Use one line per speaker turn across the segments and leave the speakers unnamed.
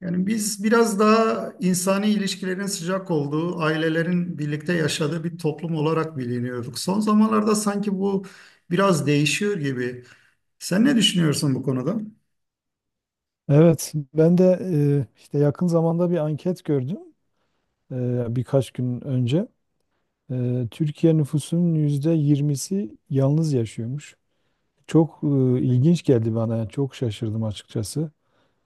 Yani biz biraz daha insani ilişkilerin sıcak olduğu, ailelerin birlikte yaşadığı bir toplum olarak biliniyorduk. Son zamanlarda sanki bu biraz değişiyor gibi. Sen ne düşünüyorsun bu konuda?
Evet, ben de işte yakın zamanda bir anket gördüm birkaç gün önce. Türkiye nüfusunun %20'si yalnız yaşıyormuş. Çok ilginç geldi bana, yani çok şaşırdım açıkçası.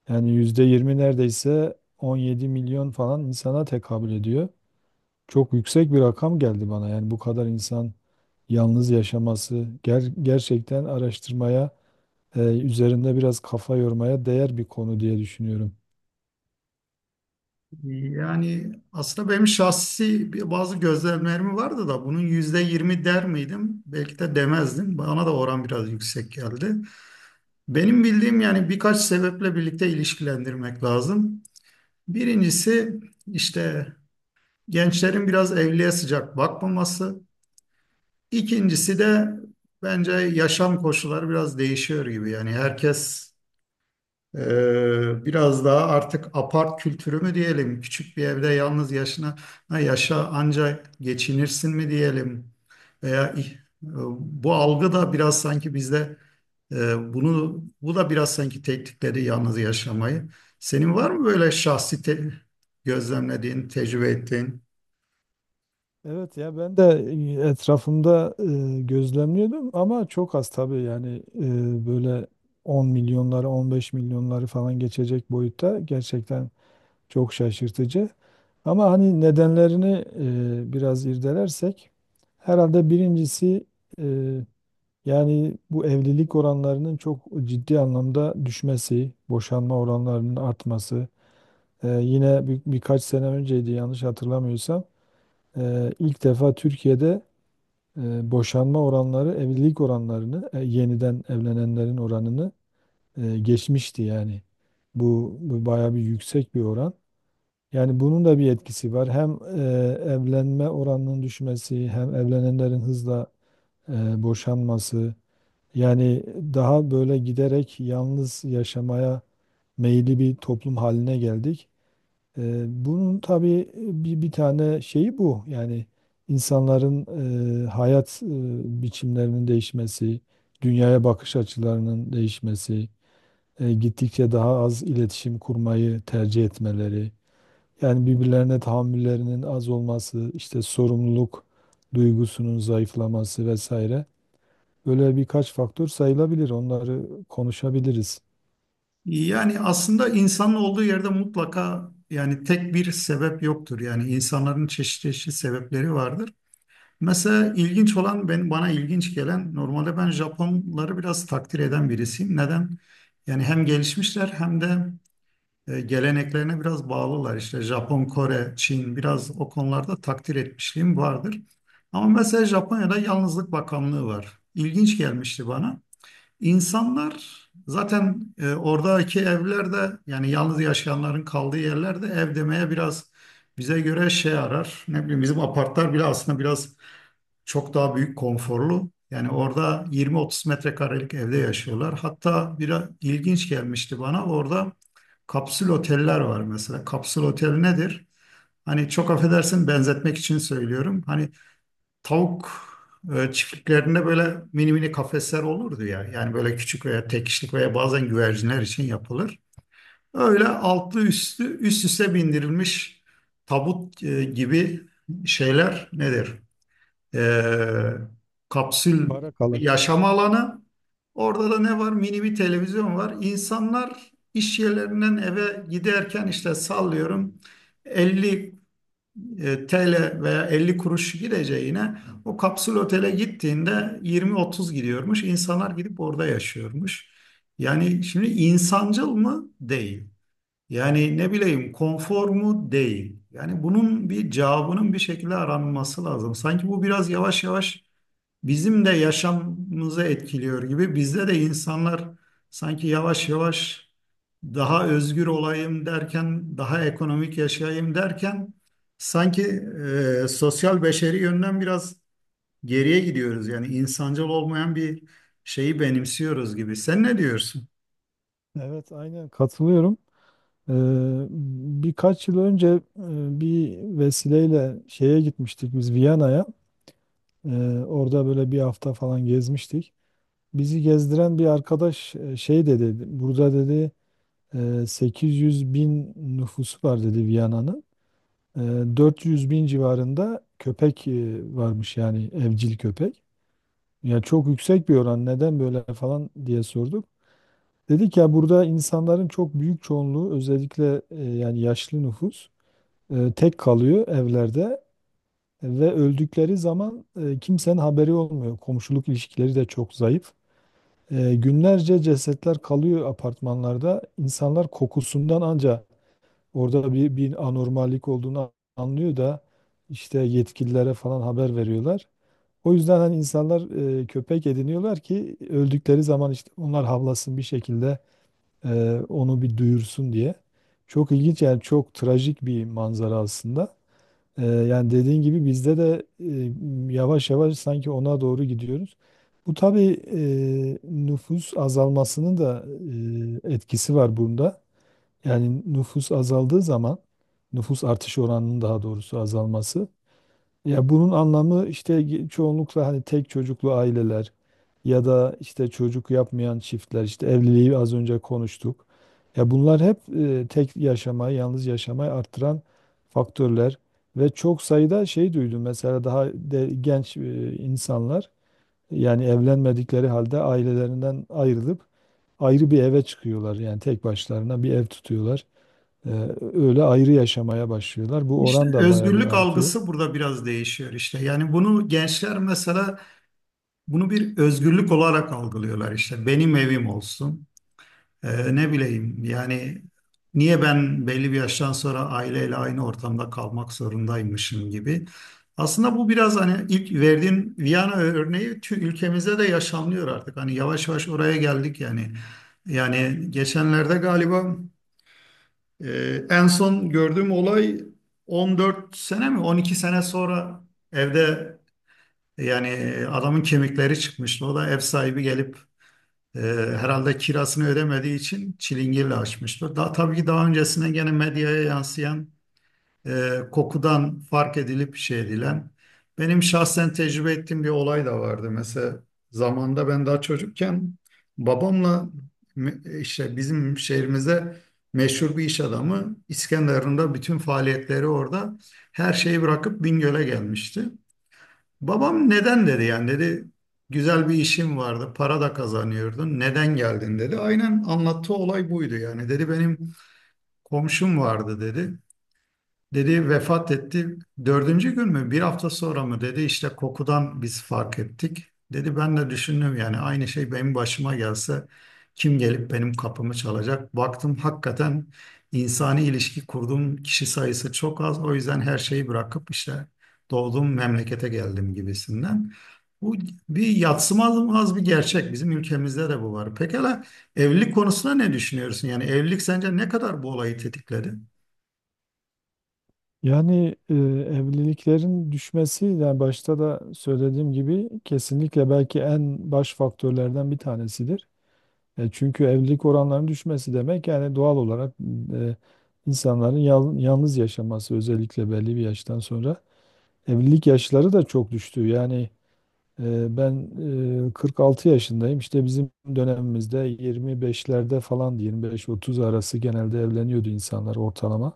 Yani %20 neredeyse 17 milyon falan insana tekabül ediyor. Çok yüksek bir rakam geldi bana. Yani bu kadar insan yalnız yaşaması gerçekten araştırmaya, üzerinde biraz kafa yormaya değer bir konu diye düşünüyorum.
Yani aslında benim şahsi bazı gözlemlerim vardı da bunun %20 der miydim? Belki de demezdim. Bana da oran biraz yüksek geldi. Benim bildiğim yani birkaç sebeple birlikte ilişkilendirmek lazım. Birincisi işte gençlerin biraz evliliğe sıcak bakmaması. İkincisi de bence yaşam koşulları biraz değişiyor gibi. Yani herkes biraz daha artık apart kültürü mü diyelim, küçük bir evde yalnız yaşa ancak geçinirsin mi diyelim. Veya bu algı da biraz sanki bizde e, bunu bu da biraz sanki tetikledi yalnız yaşamayı. Senin var mı böyle şahsi gözlemlediğin, tecrübe ettiğin?
Evet ya, ben de etrafımda gözlemliyordum ama çok az tabii, yani böyle 10 milyonları, 15 milyonları falan geçecek boyutta gerçekten çok şaşırtıcı. Ama hani nedenlerini biraz irdelersek herhalde birincisi e, yani bu evlilik oranlarının çok ciddi anlamda düşmesi, boşanma oranlarının artması. Yine birkaç sene önceydi yanlış hatırlamıyorsam, ilk defa Türkiye'de boşanma oranları evlilik oranlarını yeniden evlenenlerin oranını geçmişti yani. Bu bayağı bir yüksek bir oran. Yani bunun da bir etkisi var. Hem evlenme oranının düşmesi hem evlenenlerin hızla boşanması. Yani daha böyle giderek yalnız yaşamaya meyilli bir toplum haline geldik. Bunun tabii bir tane şeyi bu. Yani insanların hayat biçimlerinin değişmesi, dünyaya bakış açılarının değişmesi, gittikçe daha az iletişim kurmayı tercih etmeleri, yani birbirlerine tahammüllerinin az olması, işte sorumluluk duygusunun zayıflaması vesaire. Böyle birkaç faktör sayılabilir. Onları konuşabiliriz.
Yani aslında insanın olduğu yerde mutlaka yani tek bir sebep yoktur. Yani insanların çeşitli çeşitli sebepleri vardır. Mesela ilginç olan ben bana ilginç gelen normalde ben Japonları biraz takdir eden birisiyim. Neden? Yani hem gelişmişler hem de geleneklerine biraz bağlılar. İşte Japon, Kore, Çin biraz o konularda takdir etmişliğim vardır. Ama mesela Japonya'da Yalnızlık Bakanlığı var. İlginç gelmişti bana. İnsanlar zaten oradaki evlerde yani yalnız yaşayanların kaldığı yerlerde ev demeye biraz bize göre şey arar. Ne bileyim bizim apartlar bile aslında biraz çok daha büyük konforlu. Yani orada 20-30 metrekarelik evde yaşıyorlar. Hatta bir ilginç gelmişti bana orada kapsül oteller var mesela. Kapsül otel nedir? Hani çok affedersin benzetmek için söylüyorum. Hani tavuk çiftliklerinde böyle mini mini kafesler olurdu ya. Yani böyle küçük veya tek kişilik veya bazen güvercinler için yapılır. Öyle altlı üstü üst üste bindirilmiş tabut gibi şeyler nedir? E, Kapsül
Bara
bir
kalır.
yaşam alanı. Orada da ne var? Mini bir televizyon var. İnsanlar iş yerlerinden eve giderken işte sallıyorum 50 TL veya 50 kuruş gideceğine o kapsül otele gittiğinde 20-30 gidiyormuş. İnsanlar gidip orada yaşıyormuş. Yani şimdi insancıl mı? Değil. Yani ne bileyim konfor mu? Değil. Yani bunun bir cevabının bir şekilde aranması lazım. Sanki bu biraz yavaş yavaş bizim de yaşamımızı etkiliyor gibi. Bizde de insanlar sanki yavaş yavaş daha özgür olayım derken, daha ekonomik yaşayayım derken sanki sosyal beşeri yönden biraz geriye gidiyoruz. Yani insancıl olmayan bir şeyi benimsiyoruz gibi. Sen ne diyorsun?
Evet, aynen katılıyorum. Ee, Birkaç yıl önce bir vesileyle şeye gitmiştik biz, Viyana'ya. Orada böyle bir hafta falan gezmiştik. Bizi gezdiren bir arkadaş şey dedi, burada dedi 800 bin nüfusu var dedi Viyana'nın. E, 400 bin civarında köpek varmış, yani evcil köpek. Ya çok yüksek bir oran, neden böyle falan diye sorduk. Dedik ya, burada insanların çok büyük çoğunluğu özellikle yani yaşlı nüfus, tek kalıyor evlerde ve öldükleri zaman kimsenin haberi olmuyor. Komşuluk ilişkileri de çok zayıf. Günlerce cesetler kalıyor apartmanlarda. İnsanlar kokusundan anca orada bir anormallik olduğunu anlıyor da işte yetkililere falan haber veriyorlar. O yüzden hani insanlar köpek ediniyorlar ki öldükleri zaman işte onlar havlasın bir şekilde onu bir duyursun diye. Çok ilginç, yani çok trajik bir manzara aslında. Yani dediğin gibi bizde de yavaş yavaş sanki ona doğru gidiyoruz. Bu tabii nüfus azalmasının da etkisi var bunda. Yani nüfus azaldığı zaman, nüfus artış oranının, daha doğrusu, azalması. Ya bunun anlamı işte çoğunlukla hani tek çocuklu aileler ya da işte çocuk yapmayan çiftler, işte evliliği az önce konuştuk. Ya bunlar hep tek yaşamayı, yalnız yaşamayı arttıran faktörler ve çok sayıda şey duydum. Mesela daha genç insanlar yani evlenmedikleri halde ailelerinden ayrılıp ayrı bir eve çıkıyorlar. Yani tek başlarına bir ev tutuyorlar. E, Öyle ayrı yaşamaya başlıyorlar. Bu
İşte
oran da bayağı bir
özgürlük
artıyor.
algısı burada biraz değişiyor işte. Yani bunu gençler mesela bunu bir özgürlük olarak algılıyorlar işte. Benim evim olsun. Ne bileyim yani niye ben belli bir yaştan sonra aileyle aynı ortamda kalmak zorundaymışım gibi. Aslında bu biraz hani ilk verdiğin Viyana örneği ülkemizde de yaşanıyor artık. Hani yavaş yavaş oraya geldik yani. Yani geçenlerde galiba en son gördüğüm olay 14 sene mi 12 sene sonra evde yani adamın kemikleri çıkmıştı. O da ev sahibi gelip ee, herhalde kirasını ödemediği için çilingirle açmıştır. Daha tabii ki daha öncesinde gene medyaya yansıyan kokudan fark edilip şey edilen. Benim şahsen tecrübe ettiğim bir olay da vardı. Mesela zamanda ben daha çocukken babamla işte bizim şehrimize meşhur bir iş adamı İskenderun'da bütün faaliyetleri orada her şeyi bırakıp Bingöl'e gelmişti. Babam neden dedi yani dedi güzel bir işim vardı para da kazanıyordun neden geldin dedi. Aynen anlattığı olay buydu yani dedi benim komşum vardı dedi. Dedi vefat etti. Dördüncü gün mü? Bir hafta sonra mı? Dedi işte kokudan biz fark ettik. Dedi ben de düşündüm yani aynı şey benim başıma gelse kim gelip benim kapımı çalacak? Baktım hakikaten insani ilişki kurduğum kişi sayısı çok az. O yüzden her şeyi bırakıp işte doğduğum memlekete geldim gibisinden. Bu bir yadsınamaz bir gerçek. Bizim ülkemizde de bu var. Pekala evlilik konusunda ne düşünüyorsun? Yani evlilik sence ne kadar bu olayı tetikledi?
Yani evliliklerin düşmesi, yani başta da söylediğim gibi, kesinlikle belki en baş faktörlerden bir tanesidir. Çünkü evlilik oranlarının düşmesi demek, yani doğal olarak e, insanların yalnız yaşaması, özellikle belli bir yaştan sonra. Evlilik yaşları da çok düştü. Yani ben 46 yaşındayım. İşte bizim dönemimizde 25'lerde falan, 25-30 arası genelde evleniyordu insanlar ortalama.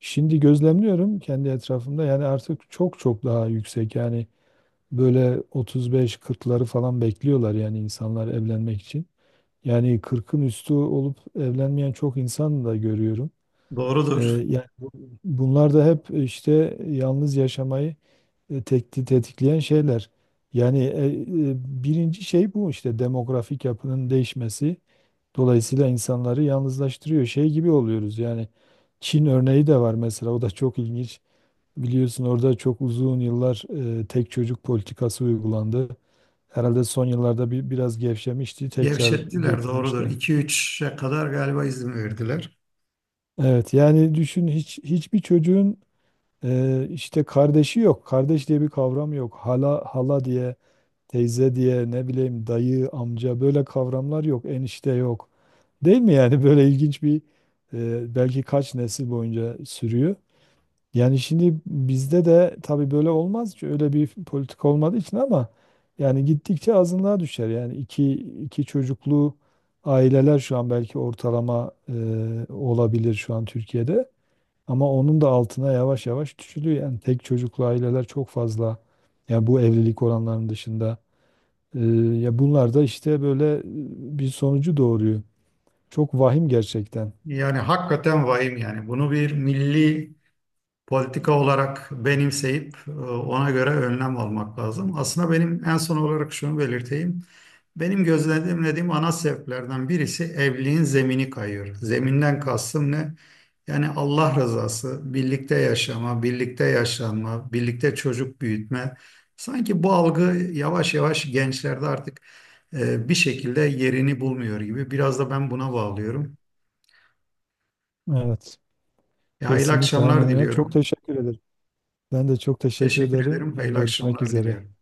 Şimdi gözlemliyorum kendi etrafımda, yani artık çok çok daha yüksek, yani böyle 35-40'ları falan bekliyorlar yani insanlar evlenmek için. Yani 40'ın üstü olup evlenmeyen çok insan da görüyorum.
Doğrudur.
Yani bunlar da hep işte yalnız yaşamayı tetikleyen şeyler. Yani birinci şey bu, işte demografik yapının değişmesi. Dolayısıyla insanları yalnızlaştırıyor. Şey gibi oluyoruz yani, Çin örneği de var mesela, o da çok ilginç. Biliyorsun orada çok uzun yıllar tek çocuk politikası uygulandı. Herhalde son yıllarda bir biraz gevşemişti, tekrar
Gevşettiler doğrudur.
getirmişti.
2-3'e kadar galiba izin verdiler.
Evet, yani düşün, hiçbir çocuğun işte kardeşi yok. Kardeş diye bir kavram yok. Hala hala diye, teyze diye, ne bileyim dayı, amca, böyle kavramlar yok. Enişte yok. Değil mi yani? Böyle ilginç bir belki kaç nesil boyunca sürüyor. Yani şimdi bizde de tabii böyle olmaz ki, öyle bir politik olmadığı için, ama yani gittikçe azınlığa düşer. Yani iki çocuklu aileler şu an belki ortalama olabilir şu an Türkiye'de. Ama onun da altına yavaş yavaş düşülüyor. Yani tek çocuklu aileler çok fazla. Yani bu evlilik oranlarının dışında. E, Ya bunlar da işte böyle bir sonucu doğuruyor. Çok vahim gerçekten.
Yani hakikaten vahim yani. Bunu bir milli politika olarak benimseyip ona göre önlem almak lazım. Aslında benim en son olarak şunu belirteyim. Benim gözlemlediğim ana sebeplerden birisi evliliğin zemini kayıyor. Zeminden kastım ne? Yani Allah rızası, birlikte yaşama, birlikte yaşanma, birlikte çocuk büyütme. Sanki bu algı yavaş yavaş gençlerde artık bir şekilde yerini bulmuyor gibi. Biraz da ben buna bağlıyorum.
Evet.
Hayırlı
Kesinlikle aynen
akşamlar
öyle. Çok
diliyorum.
teşekkür ederim. Ben de çok teşekkür
Teşekkür
ederim.
ederim. Hayırlı
Görüşmek
akşamlar
üzere.
diliyorum.